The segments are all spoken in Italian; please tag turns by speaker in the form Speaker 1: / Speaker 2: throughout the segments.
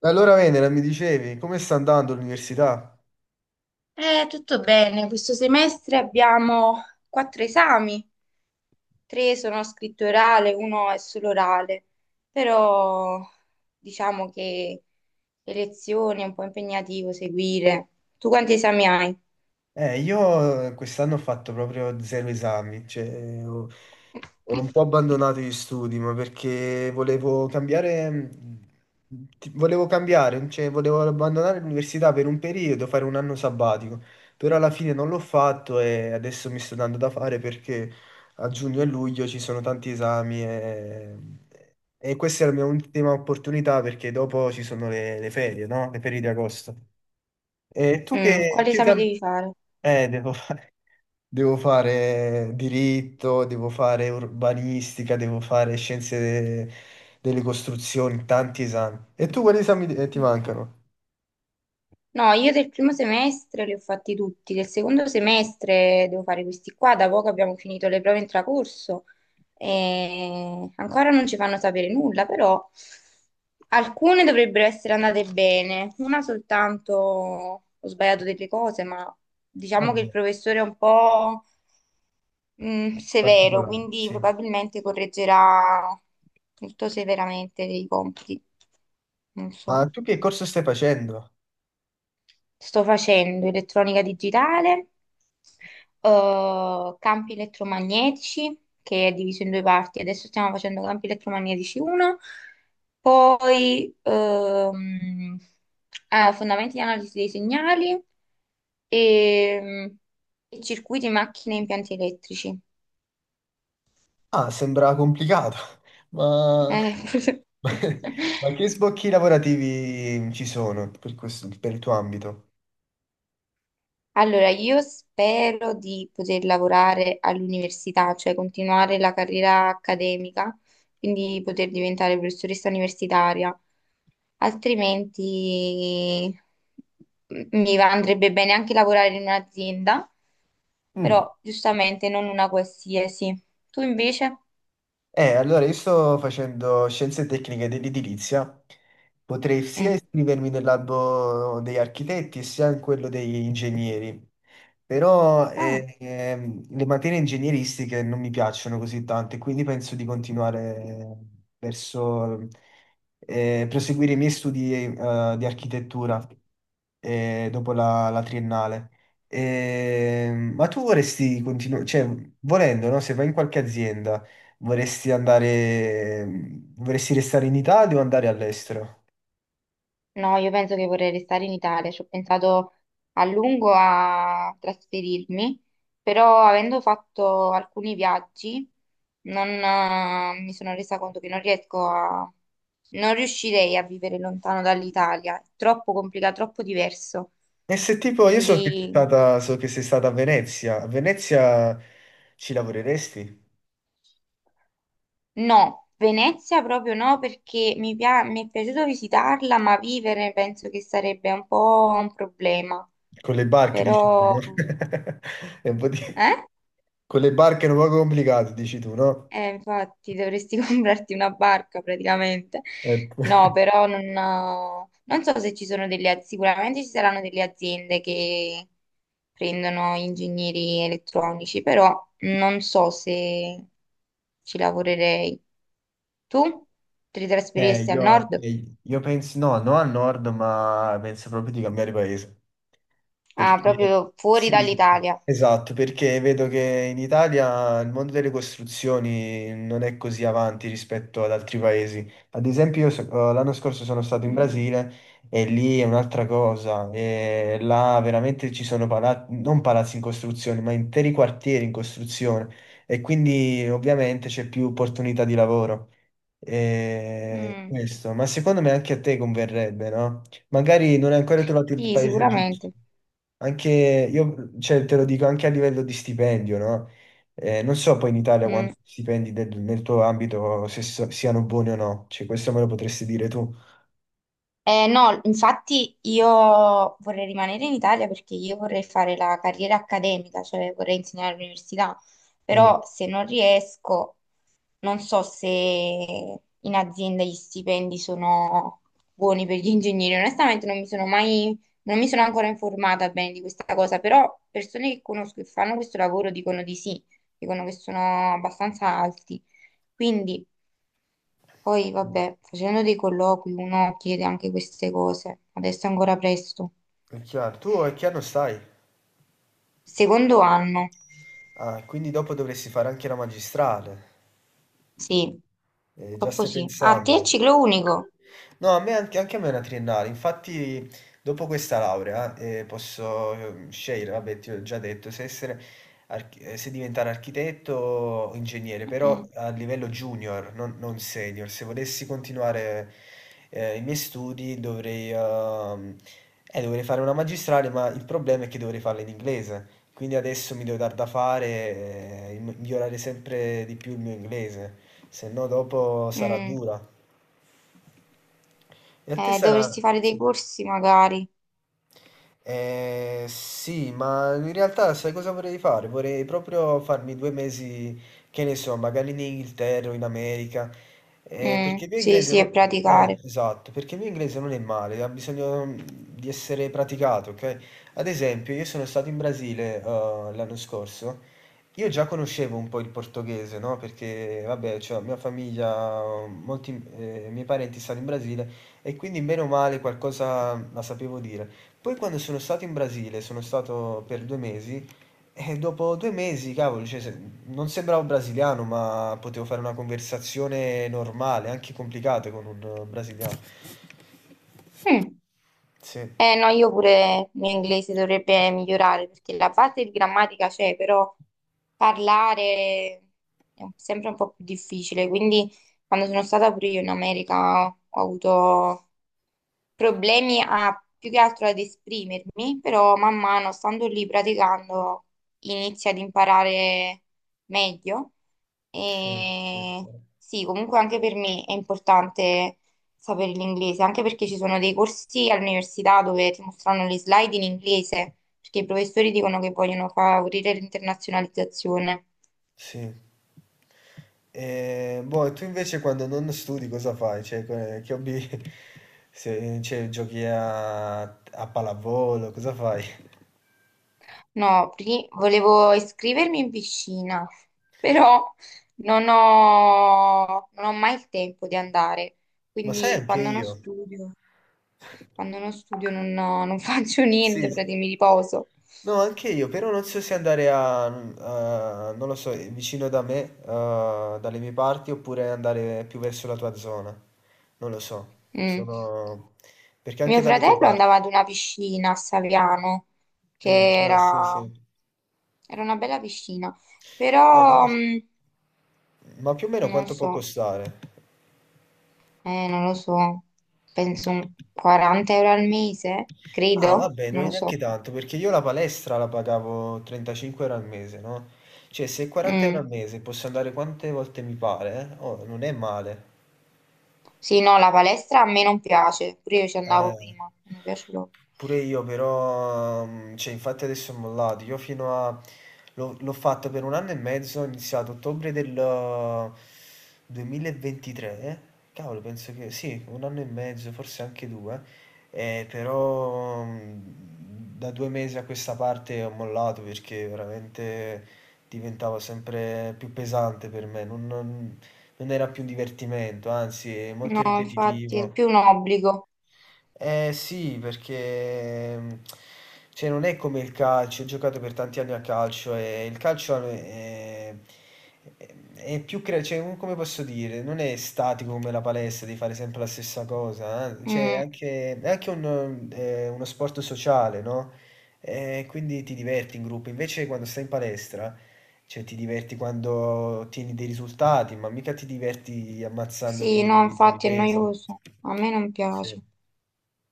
Speaker 1: Allora, Venera, mi dicevi, come sta andando l'università?
Speaker 2: Tutto bene, questo semestre abbiamo quattro esami, tre sono a scritto orale, uno è solo orale, però diciamo che le lezioni è un po' impegnativo seguire. Tu quanti esami hai?
Speaker 1: Io quest'anno ho fatto proprio zero esami, cioè ho un po' abbandonato gli studi, ma perché volevo cambiare, volevo cambiare, cioè volevo abbandonare l'università per un periodo, fare un anno sabbatico, però alla fine non l'ho fatto e adesso mi sto dando da fare perché a giugno e luglio ci sono tanti esami e questa è la mia ultima opportunità perché dopo ci sono le ferie, no? Le ferie di agosto. E tu
Speaker 2: Mm,
Speaker 1: che,
Speaker 2: quali
Speaker 1: che
Speaker 2: esami
Speaker 1: esami...
Speaker 2: devi fare?
Speaker 1: Eh, devo Devo fare diritto, devo fare urbanistica, devo fare scienze delle costruzioni, tanti esami. E tu quali esami ti
Speaker 2: Mm.
Speaker 1: mancano?
Speaker 2: No, io del primo semestre li ho fatti tutti, del secondo semestre devo fare questi qua, da poco abbiamo finito le prove intracorso e ancora non ci fanno sapere nulla, però alcune dovrebbero essere andate bene, una soltanto ho sbagliato delle cose, ma diciamo che il
Speaker 1: Vabbè,
Speaker 2: professore è un po' severo,
Speaker 1: particolari,
Speaker 2: quindi
Speaker 1: sì.
Speaker 2: probabilmente correggerà molto severamente dei compiti, non
Speaker 1: Ma
Speaker 2: so.
Speaker 1: tu che corso stai facendo?
Speaker 2: Sto facendo elettronica digitale, campi elettromagnetici, che è diviso in due parti. Adesso stiamo facendo campi elettromagnetici 1, poi fondamenti di analisi dei segnali e, e circuiti, macchine e impianti elettrici.
Speaker 1: Ah, sembra complicato, ma,
Speaker 2: Eh,
Speaker 1: ma che sbocchi lavorativi ci sono per per il tuo ambito?
Speaker 2: Allora, io spero di poter lavorare all'università, cioè continuare la carriera accademica, quindi poter diventare professoressa universitaria, altrimenti andrebbe bene anche lavorare in un'azienda,
Speaker 1: Mm.
Speaker 2: però giustamente non una qualsiasi. Tu invece?
Speaker 1: Allora io sto facendo scienze tecniche dell'edilizia, potrei sia
Speaker 2: Mm.
Speaker 1: iscrivermi nell'albo degli architetti sia in quello degli ingegneri, però
Speaker 2: Ah.
Speaker 1: le materie ingegneristiche non mi piacciono così tante, quindi penso di continuare verso proseguire i miei studi, di architettura, dopo la triennale. Ma tu vorresti continuare, cioè volendo, no? Se vai in qualche azienda, Vorresti andare, vorresti restare in Italia o andare all'estero?
Speaker 2: No, io penso che vorrei restare in Italia, ci ho pensato a lungo a trasferirmi, però avendo fatto alcuni viaggi non, mi sono resa conto che non riesco a... non riuscirei a vivere lontano dall'Italia, è troppo complicato, troppo diverso.
Speaker 1: E se tipo, io
Speaker 2: Quindi
Speaker 1: so che sei stata a Venezia ci lavoreresti?
Speaker 2: no, Venezia proprio no, perché mi è piaciuto visitarla, ma vivere penso che sarebbe un po' un problema.
Speaker 1: Con le barche, dici tu,
Speaker 2: Però...
Speaker 1: no? È un po' di-
Speaker 2: Eh?
Speaker 1: Con le barche è un po' complicato, dici tu, no?
Speaker 2: Infatti dovresti comprarti una barca praticamente.
Speaker 1: Ecco.
Speaker 2: No, però non, non so se ci sono delle aziende, sicuramente ci saranno delle aziende che prendono ingegneri elettronici, però non so se ci lavorerei. Tu ti
Speaker 1: Eh,
Speaker 2: trasferiresti al
Speaker 1: io,
Speaker 2: nord?
Speaker 1: eh, io penso, no, no al nord, ma penso proprio di cambiare paese.
Speaker 2: Ah,
Speaker 1: Perché
Speaker 2: proprio fuori
Speaker 1: sì, sì,
Speaker 2: dall'Italia.
Speaker 1: esatto, perché vedo che in Italia il mondo delle costruzioni non è così avanti rispetto ad altri paesi. Ad esempio, l'anno scorso sono stato in
Speaker 2: Mm,
Speaker 1: Brasile e lì è un'altra cosa. E là veramente ci sono palazzi, non palazzi in costruzione, ma interi quartieri in costruzione. E quindi ovviamente c'è più opportunità di lavoro. E
Speaker 2: mm,
Speaker 1: questo, ma secondo me anche a te converrebbe, no? Magari non hai ancora trovato il
Speaker 2: sì,
Speaker 1: paese giusto.
Speaker 2: sicuramente.
Speaker 1: Anche io, cioè, te lo dico anche a livello di stipendio, no? Non so poi in Italia
Speaker 2: Mm.
Speaker 1: quanti stipendi nel tuo ambito se siano buoni o no, cioè questo me lo potresti dire tu.
Speaker 2: No, infatti io vorrei rimanere in Italia perché io vorrei fare la carriera accademica, cioè vorrei insegnare all'università,
Speaker 1: Mm.
Speaker 2: però se non riesco, non so se in azienda gli stipendi sono buoni per gli ingegneri. Onestamente non mi sono mai, non mi sono ancora informata bene di questa cosa, però persone che conosco che fanno questo lavoro dicono di sì, dicono che sono abbastanza alti. Quindi poi, vabbè, facendo dei colloqui uno chiede anche queste cose. Adesso è ancora presto.
Speaker 1: È chiaro, tu a che anno stai?
Speaker 2: Secondo anno,
Speaker 1: Ah, quindi dopo dovresti fare anche la magistrale.
Speaker 2: sì,
Speaker 1: Già
Speaker 2: proprio
Speaker 1: stai
Speaker 2: sì. Ah, te è
Speaker 1: pensando.
Speaker 2: ciclo unico?
Speaker 1: No, a me anche, anche a me è una triennale, infatti dopo questa laurea posso scegliere, vabbè ti ho già detto, se diventare architetto o ingegnere, però
Speaker 2: Mm,
Speaker 1: a livello junior, non senior. Se volessi continuare i miei studi dovrei, dovrei fare una magistrale, ma il problema è che dovrei farla in inglese. Quindi adesso mi devo dar da fare e migliorare sempre di più il mio inglese, se no dopo sarà
Speaker 2: mm.
Speaker 1: dura. E a te sarà...
Speaker 2: Dovresti fare dei
Speaker 1: Sì.
Speaker 2: corsi magari.
Speaker 1: Sì, ma in realtà sai cosa vorrei fare? Vorrei proprio farmi 2 mesi, che ne so, magari in Inghilterra o in America,
Speaker 2: Mm,
Speaker 1: perché il mio
Speaker 2: sì,
Speaker 1: inglese
Speaker 2: sì, e
Speaker 1: non...
Speaker 2: praticare.
Speaker 1: esatto, perché il mio inglese non è male, ha bisogno di essere praticato, ok? Ad esempio, io sono stato in Brasile, l'anno scorso, io già conoscevo un po' il portoghese, no? Perché, vabbè, cioè, mia famiglia, molti, miei parenti stanno in Brasile e quindi, bene o male, qualcosa la sapevo dire. Poi quando sono stato in Brasile, sono stato per 2 mesi, e dopo 2 mesi, cavolo, cioè, non sembravo brasiliano, ma potevo fare una conversazione normale, anche complicata con un brasiliano.
Speaker 2: Mm.
Speaker 1: Sì,
Speaker 2: Eh no, io pure l'inglese dovrebbe migliorare perché la base di grammatica c'è, però parlare sempre un po' più difficile. Quindi quando sono stata pure io in America ho avuto problemi a, più che altro ad esprimermi, però man mano stando lì praticando inizi ad imparare meglio.
Speaker 1: sì, sì,
Speaker 2: E sì, comunque anche per me è importante sapere l'inglese, anche perché ci sono dei corsi all'università dove ti mostrano le slide in inglese, perché i professori dicono che vogliono favorire l'internazionalizzazione.
Speaker 1: sì. E, boh, e tu invece quando non studi cosa fai? Cioè, che hobby... Se, cioè, giochi a pallavolo, cosa fai?
Speaker 2: No, pri- Volevo iscrivermi in piscina, però non ho mai il tempo di andare,
Speaker 1: Ma sai
Speaker 2: quindi
Speaker 1: anche io?
Speaker 2: quando non studio non faccio niente,
Speaker 1: Sì. Sì.
Speaker 2: praticamente mi riposo.
Speaker 1: No, anche io, però non so se andare non lo so, vicino da me, dalle mie parti, oppure andare più verso la tua zona. Non lo so.
Speaker 2: Mm.
Speaker 1: Sono... Perché
Speaker 2: Mio
Speaker 1: anche dalle tue
Speaker 2: fratello
Speaker 1: parti.
Speaker 2: andava ad una piscina a Saviano, che
Speaker 1: Mm, ah, sì, sì.
Speaker 2: era, era una bella piscina,
Speaker 1: Non
Speaker 2: però
Speaker 1: lo so. Ma più o meno
Speaker 2: non
Speaker 1: quanto può
Speaker 2: so,
Speaker 1: costare?
Speaker 2: non lo so, penso un 40 euro al mese,
Speaker 1: Ah,
Speaker 2: credo,
Speaker 1: vabbè, non
Speaker 2: non
Speaker 1: è
Speaker 2: lo so.
Speaker 1: neanche tanto, perché io la palestra la pagavo 35 euro al mese, no? Cioè, se 40 euro al
Speaker 2: Mm.
Speaker 1: mese posso andare quante volte mi pare, eh? Oh, non è male.
Speaker 2: Sì, no, la palestra a me non piace, pure io ci andavo
Speaker 1: Eh,
Speaker 2: prima, non mi piace proprio.
Speaker 1: pure io però, cioè infatti adesso ho mollato, io l'ho fatto per un anno e mezzo, ho iniziato ottobre del 2023, eh? Cavolo, penso che sì, un anno e mezzo, forse anche due, eh, però mm, da 2 mesi a questa parte ho mollato perché veramente diventava sempre più pesante per me, non era più un divertimento, anzi è molto
Speaker 2: No, infatti è
Speaker 1: ripetitivo.
Speaker 2: più un obbligo.
Speaker 1: Eh sì, perché cioè, non è come il calcio, ho giocato per tanti anni a calcio e il calcio è più cioè, come posso dire, non è statico come la palestra, di fare sempre la stessa cosa, eh. Cioè, è
Speaker 2: Mm,
Speaker 1: anche, è anche uno sport sociale, no? Quindi ti diverti in gruppo, invece quando stai in palestra, cioè, ti diverti quando ottieni dei risultati, ma mica ti diverti
Speaker 2: sì, no,
Speaker 1: ammazzandoti con i
Speaker 2: infatti è
Speaker 1: pesi.
Speaker 2: noioso, a me non
Speaker 1: Sì.
Speaker 2: piace.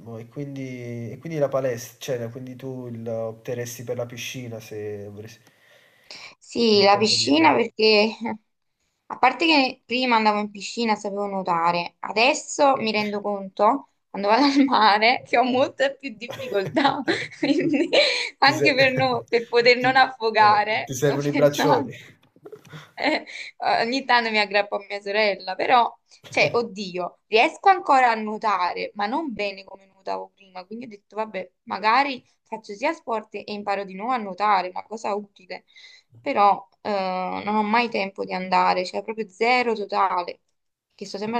Speaker 1: Boh, e quindi la palestra, cioè, quindi tu opteresti per la piscina se avresti per
Speaker 2: Sì,
Speaker 1: il
Speaker 2: la
Speaker 1: tempo
Speaker 2: piscina
Speaker 1: libero.
Speaker 2: perché, a parte che prima andavo in piscina, sapevo nuotare, adesso mi rendo conto, quando vado al mare, che ho molte più difficoltà, quindi
Speaker 1: Ti,
Speaker 2: anche
Speaker 1: se-
Speaker 2: per, no- per poter non
Speaker 1: Ti
Speaker 2: affogare, ho
Speaker 1: servono i braccioli.
Speaker 2: pensato. Eh, ogni tanto mi aggrappo a mia sorella, però, cioè, oddio, riesco ancora a nuotare, ma non bene come nuotavo prima, quindi ho detto, vabbè, magari faccio sia sport e imparo di nuovo a nuotare, una cosa utile, però non ho mai tempo di andare, cioè proprio zero totale, che sto sempre